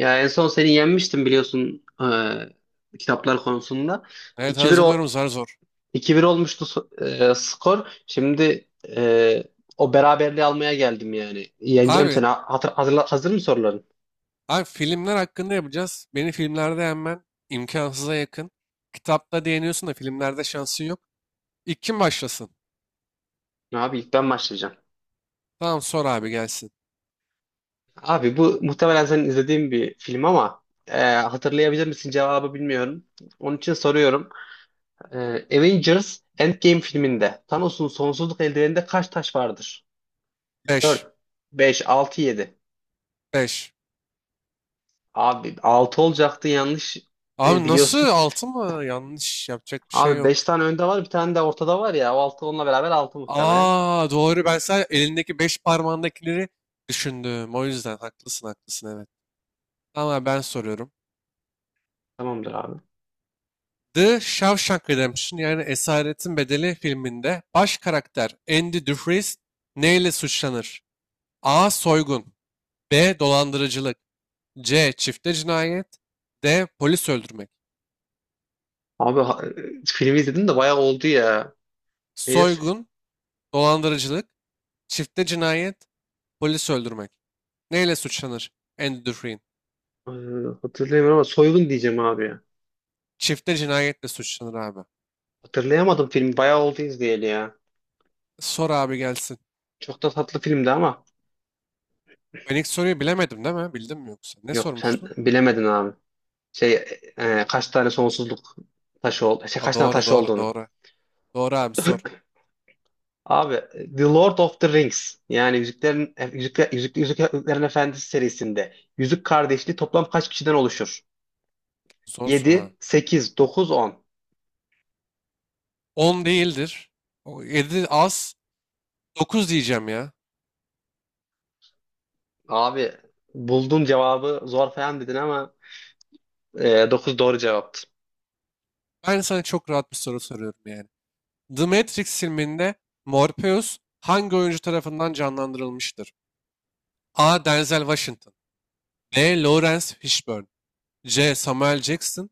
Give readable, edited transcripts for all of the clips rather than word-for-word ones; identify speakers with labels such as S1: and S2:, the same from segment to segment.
S1: Ya en son seni yenmiştim biliyorsun kitaplar konusunda.
S2: Evet
S1: 2-1 o-
S2: hazırlıyorum zar zor.
S1: 2-1 olmuştu skor. Şimdi e, o beraberliği almaya geldim yani. Yeneceğim
S2: Abi,
S1: seni. Hazır mı soruların?
S2: abi, filmler hakkında yapacağız. Beni filmlerde yenmen imkansıza yakın. Kitapta değiniyorsun da filmlerde şansın yok. İlk kim başlasın?
S1: Abi ilk ben başlayacağım.
S2: Tamam sor abi, gelsin.
S1: Abi bu muhtemelen senin izlediğin bir film ama hatırlayabilir misin cevabı bilmiyorum. Onun için soruyorum. E, Avengers Endgame filminde Thanos'un sonsuzluk eldiveninde kaç taş vardır?
S2: 5,
S1: 4, 5, 6, 7.
S2: 5.
S1: Abi 6 olacaktı, yanlış
S2: Abi nasıl,
S1: biliyorsun.
S2: 6 mı? Yanlış yapacak bir şey
S1: Abi
S2: yok.
S1: 5 tane önde var, bir tane de ortada var ya. O altı, onunla beraber 6 muhtemelen.
S2: Aa, doğru, ben sadece elindeki 5 parmağındakileri düşündüm. O yüzden haklısın, haklısın, evet. Tamam abi, ben soruyorum.
S1: Tamamdır abi.
S2: The Shawshank Redemption yani Esaretin Bedeli filminde baş karakter Andy Dufresne neyle suçlanır? A. Soygun, B. Dolandırıcılık, C. Çifte cinayet, D. Polis öldürmek.
S1: Abi filmi izledim de bayağı oldu ya. Neydi?
S2: Soygun, dolandırıcılık, çifte cinayet, polis öldürmek. Neyle suçlanır Andy Dufresne?
S1: E, hatırlayamıyorum ama soygun diyeceğim abi ya.
S2: Çifte cinayetle suçlanır abi.
S1: Hatırlayamadım, film bayağı oldu izleyeli ya.
S2: Sor abi, gelsin.
S1: Çok da tatlı filmdi ama.
S2: Ben ilk soruyu bilemedim değil mi? Bildim mi yoksa? Ne
S1: Yok, sen
S2: sormuştun?
S1: bilemedin abi. Şey kaç tane sonsuzluk taşı oldu. Şey,
S2: Aa,
S1: kaç tane
S2: doğru
S1: taşı
S2: doğru
S1: olduğunu.
S2: doğru. Doğru abi, sor.
S1: Abi The Lord of the Rings yani Yüzüklerin Efendisi serisinde Yüzük Kardeşliği toplam kaç kişiden oluşur?
S2: Zor soru ha.
S1: 7, 8, 9, 10.
S2: 10 değildir. 7 az. 9 diyeceğim ya.
S1: Abi buldun cevabı, zor falan dedin ama 9 doğru cevaptı.
S2: Ben sana çok rahat bir soru soruyorum yani. The Matrix filminde Morpheus hangi oyuncu tarafından canlandırılmıştır? A. Denzel Washington, B. Lawrence Fishburne, C. Samuel Jackson,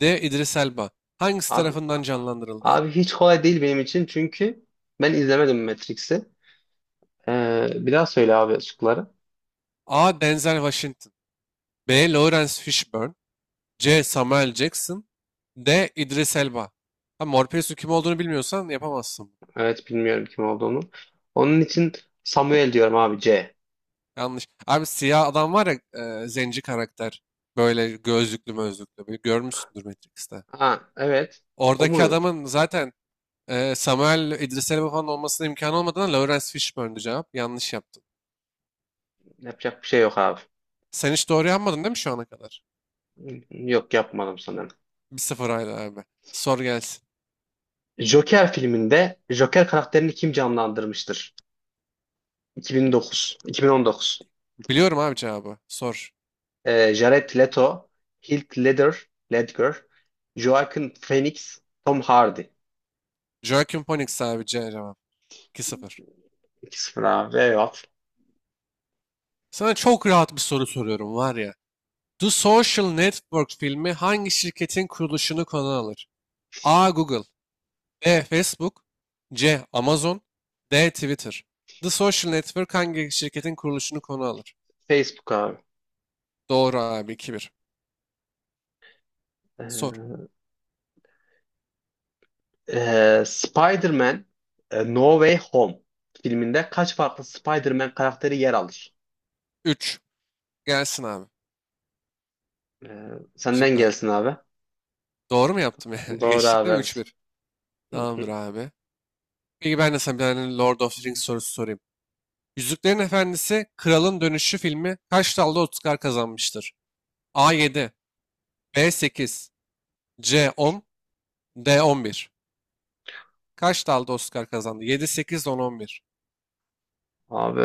S2: D. Idris Elba. Hangisi
S1: Abi a-
S2: tarafından canlandırıldı abi?
S1: abi hiç kolay değil benim için, çünkü ben izlemedim Matrix'i. Bir daha söyle abi şıkları.
S2: A. Denzel Washington, B. Lawrence Fishburne, C. Samuel Jackson, D. Idris Elba. Ha, Morpheus'un kim olduğunu bilmiyorsan yapamazsın.
S1: Evet, bilmiyorum kim olduğunu. Onun için Samuel diyorum abi, C.
S2: Yanlış. Abi siyah adam var ya, zenci karakter. Böyle gözlüklü mözlüklü. Bir görmüşsündür Matrix'te.
S1: Ha, evet. O
S2: Oradaki
S1: mu?
S2: adamın zaten Samuel, İdris Elba falan olmasına imkan olmadığına Lawrence Fishburne'du cevap. Yanlış yaptın.
S1: Yapacak bir şey yok abi.
S2: Sen hiç doğru yapmadın değil mi şu ana kadar?
S1: Yok, yapmadım sanırım.
S2: 1-0 hala abi. Sor gelsin.
S1: Joker filminde Joker karakterini kim canlandırmıştır? 2009, 2019.
S2: Biliyorum abi cevabı. Sor.
S1: Jared Leto, Heath Ledger, Ledger, Joaquin Phoenix, Tom Hardy.
S2: Joaquin Phoenix abi cevap. 2 sıfır.
S1: 2 sıfır abi. Eyvah.
S2: Sana çok rahat bir soru soruyorum var ya. The Social Network filmi hangi şirketin kuruluşunu konu alır? A. Google, B. Facebook, C. Amazon, D. Twitter. The Social Network hangi şirketin kuruluşunu konu alır?
S1: Facebook abi.
S2: Doğru abi, 2-1. Sor.
S1: Ee, Spider-Man No Way Home filminde kaç farklı Spider-Man karakteri yer alır?
S2: 3. Gelsin abi.
S1: Ee, senden
S2: Şıklar.
S1: gelsin abi.
S2: Doğru mu yaptım ya?
S1: Doğru
S2: Geçtik
S1: abi,
S2: değil mi?
S1: evet.
S2: 3-1.
S1: Hı
S2: Tamamdır
S1: hı.
S2: abi. Peki ben de sana bir tane Lord of the Rings sorusu sorayım. Yüzüklerin Efendisi Kralın Dönüşü filmi kaç dalda Oscar kazanmıştır? A7, B8, C10, D11. Kaç dalda Oscar kazandı? 7, 8, 10, 11.
S1: Abi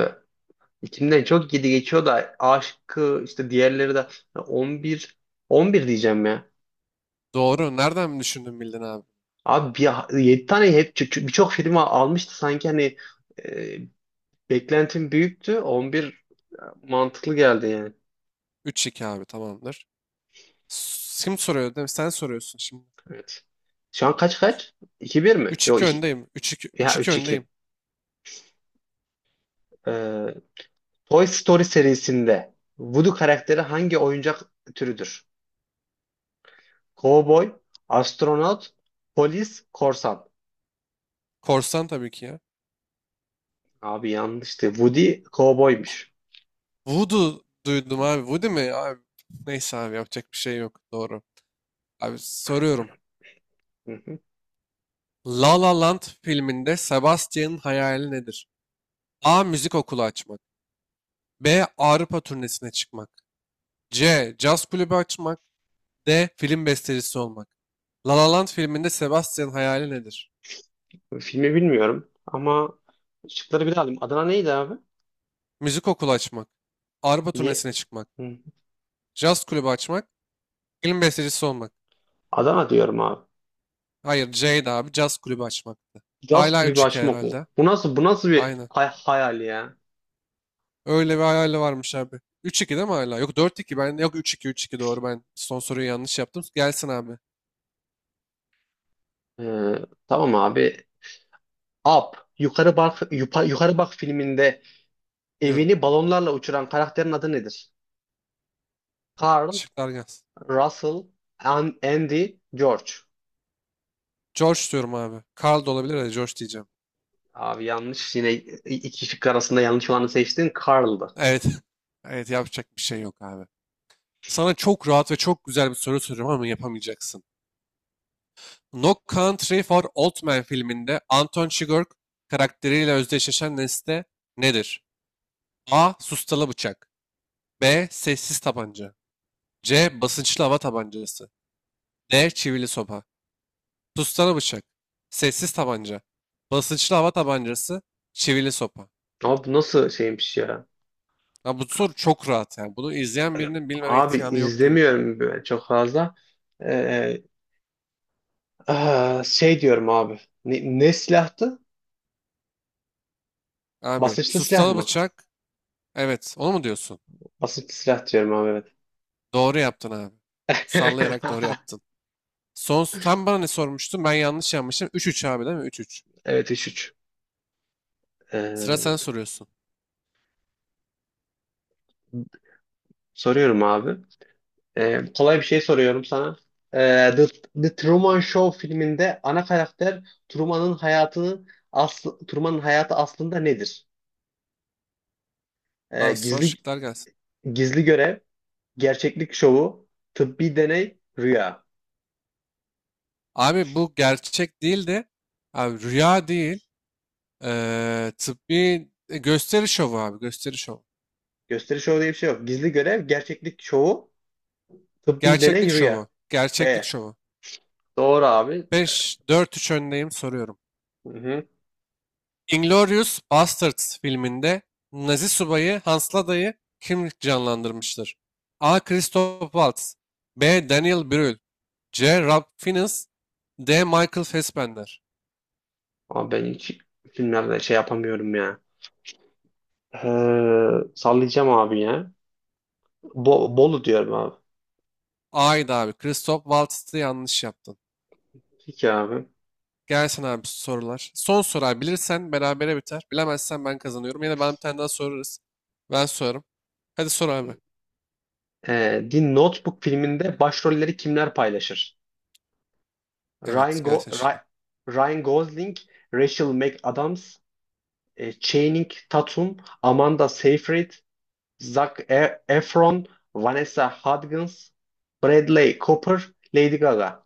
S1: İçimden çok gidi geçiyor da aşkı işte, diğerleri de 11 11 diyeceğim ya.
S2: Doğru. Nereden düşündün, bildin abi?
S1: Abi bir, 7 tane hep birçok film almıştı sanki, hani e, beklentim büyüktü. 11 mantıklı geldi yani.
S2: 3-2 abi, tamamdır. Kim soruyor değil mi? Sen soruyorsun şimdi.
S1: Evet. Şu an kaç kaç? 2 bir mi?
S2: üç
S1: Yok
S2: iki
S1: iki
S2: öndeyim. üç iki üç
S1: ya
S2: iki
S1: üç iki.
S2: öndeyim.
S1: Ee, Toy Story serisinde Woody karakteri hangi oyuncak türüdür? Cowboy, astronot, polis, korsan.
S2: Korsan tabii ki ya.
S1: Abi yanlıştı. Woody cowboymuş.
S2: Voodoo duydum abi. Voodoo mi? Abi, neyse abi, yapacak bir şey yok. Doğru. Abi, soruyorum.
S1: Hı hı.
S2: La La Land filminde Sebastian'ın hayali nedir? A. Müzik okulu açmak, B. Avrupa turnesine çıkmak, C. Caz kulübü açmak, D. Film bestecisi olmak. La La Land filminde Sebastian'ın hayali nedir?
S1: Filmi bilmiyorum ama şıkları bir daha alayım. Adana neydi abi?
S2: Müzik okulu açmak. Avrupa
S1: Diye.
S2: turnesine çıkmak.
S1: Hı hı.
S2: Jazz kulübü açmak. Film bestecisi olmak.
S1: Adana diyorum abi.
S2: Hayır Jade abi, jazz kulübü açmaktı.
S1: Caz
S2: Hala
S1: kulübü
S2: 3-2
S1: açmak mı?
S2: herhalde.
S1: Bu nasıl bir
S2: Aynen.
S1: hayal ya?
S2: Öyle bir hayali varmış abi. 3-2 değil mi hala? Yok, 4-2. Ben. Yok, üç iki doğru, ben son soruyu yanlış yaptım. Gelsin abi.
S1: Ee, tamam abi. Up. Yukarı bak filminde
S2: Diyorum.
S1: evini balonlarla uçuran karakterin adı nedir? Carl,
S2: Şıklar gelsin.
S1: Russell, Andy, George.
S2: George diyorum abi. Carl da olabilir de George diyeceğim.
S1: Abi yanlış. Yine iki şık arasında yanlış olanı seçtin. Carl'dı.
S2: Evet. Evet, yapacak bir şey yok abi. Sana çok rahat ve çok güzel bir soru soruyorum ama yapamayacaksın. No Country for Old Men filminde Anton Chigurh karakteriyle özdeşleşen nesne nedir? A. Sustalı bıçak, B. Sessiz tabanca, C. Basınçlı hava tabancası, D. Çivili sopa. Sustalı bıçak. Sessiz tabanca. Basınçlı hava tabancası. Çivili sopa.
S1: Abi bu nasıl şeymiş ya?
S2: Ya bu soru çok rahat yani. Bunu izleyen birinin bilmeme
S1: Abi
S2: imkanı yok gibi.
S1: izlemiyorum böyle çok fazla. Ee, şey diyorum abi. Ne silahtı?
S2: Abi,
S1: Basınçlı silah
S2: sustalı
S1: mı?
S2: bıçak. Evet, onu mu diyorsun?
S1: Basınçlı silah diyorum abi, evet.
S2: Doğru yaptın abi. Sallayarak doğru yaptın. Son sen bana ne sormuştun? Ben yanlış yapmışım. 3-3 abi değil mi? Üç. 3.
S1: Evet, üç üç.
S2: Sıra, sen
S1: Ee,
S2: soruyorsun.
S1: soruyorum abi. Kolay bir şey soruyorum sana. Ee, The, The Truman Show filminde ana karakter Truman'ın hayatını Truman'ın hayatı aslında nedir? Ee,
S2: Al, son
S1: gizli
S2: şıklar gelsin.
S1: gizli görev, gerçeklik şovu, tıbbi deney, rüya.
S2: Abi bu gerçek değil de abi rüya değil. Gösteri şovu abi, gösteri şovu.
S1: Gösteri şovu diye bir şey yok. Gizli görev, gerçeklik şovu, tıbbi
S2: Gerçeklik
S1: deney,
S2: şovu.
S1: rüya.
S2: Gerçeklik
S1: B.
S2: şovu.
S1: Doğru abi.
S2: Beş dört üç öndeyim, soruyorum.
S1: Hı hı.
S2: Inglourious Basterds filminde Nazi subayı Hans Lada'yı kim canlandırmıştır? A. Christoph Waltz, B. Daniel Brühl, C. Rob Fiennes, D. Michael Fassbender.
S1: Ama ben hiç filmlerde şey yapamıyorum ya. Sallayacağım abi ya. Bolu diyorum abi.
S2: A'ydı abi. Christoph Waltz'tı, yanlış yaptın.
S1: Peki abi.
S2: Gelsin abi sorular. Son soru abi. Bilirsen berabere biter. Bilemezsen ben kazanıyorum. Yine ben bir tane daha sorarız. Ben sorarım. Hadi sor abi.
S1: The Notebook filminde başrolleri kimler paylaşır?
S2: Evet,
S1: Ryan, Go-
S2: gelsin
S1: Ry-
S2: şıkla.
S1: Ryan Gosling, Rachel McAdams, Channing Tatum, Amanda Seyfried, Efron, Vanessa Hudgens, Bradley Cooper, Lady Gaga,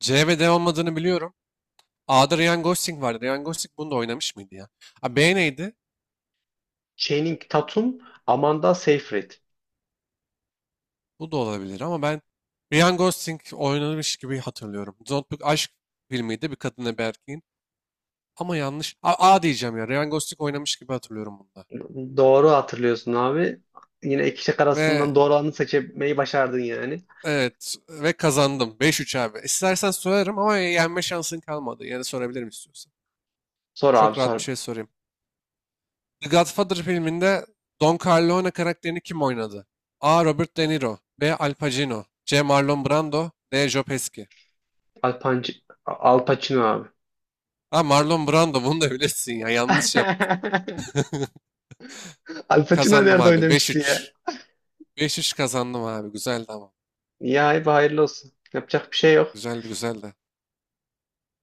S2: C ve D olmadığını biliyorum. A'da Ryan Gosling vardı. Ryan Gosling bunu da oynamış mıydı ya? A, B neydi?
S1: Channing Tatum, Amanda Seyfried.
S2: Bu da olabilir ama ben Ryan Gosling oynamış gibi hatırlıyorum. Zontbuk aşk filmiydi, bir kadınla bir erkeğin. Ama yanlış. A diyeceğim ya. Ryan Gosling oynamış gibi hatırlıyorum bunda.
S1: Doğru hatırlıyorsun abi. Yine iki şık
S2: Ve
S1: arasından doğru olanı seçmeyi başardın yani.
S2: Evet, ve kazandım. 5-3 abi. İstersen sorarım ama yenme şansın kalmadı. Yani sorabilirim istiyorsan.
S1: Sor abi,
S2: Çok rahat bir
S1: sor.
S2: şey sorayım. The Godfather filminde Don Corleone karakterini kim oynadı? A. Robert De Niro, B. Al Pacino, C. Marlon Brando, D. Joe Pesci.
S1: Al, Panc Al Pacino abi.
S2: Ha, Marlon Brando, bunu da bilesin ya. Yanlış yaptım.
S1: Al Pacino
S2: Kazandım
S1: nerede
S2: abi. beş
S1: oynamıştı ya?
S2: üç beş üç kazandım abi. Güzeldi ama.
S1: Ya abi, hayırlı olsun. Yapacak bir şey yok.
S2: Güzeldi, güzeldi.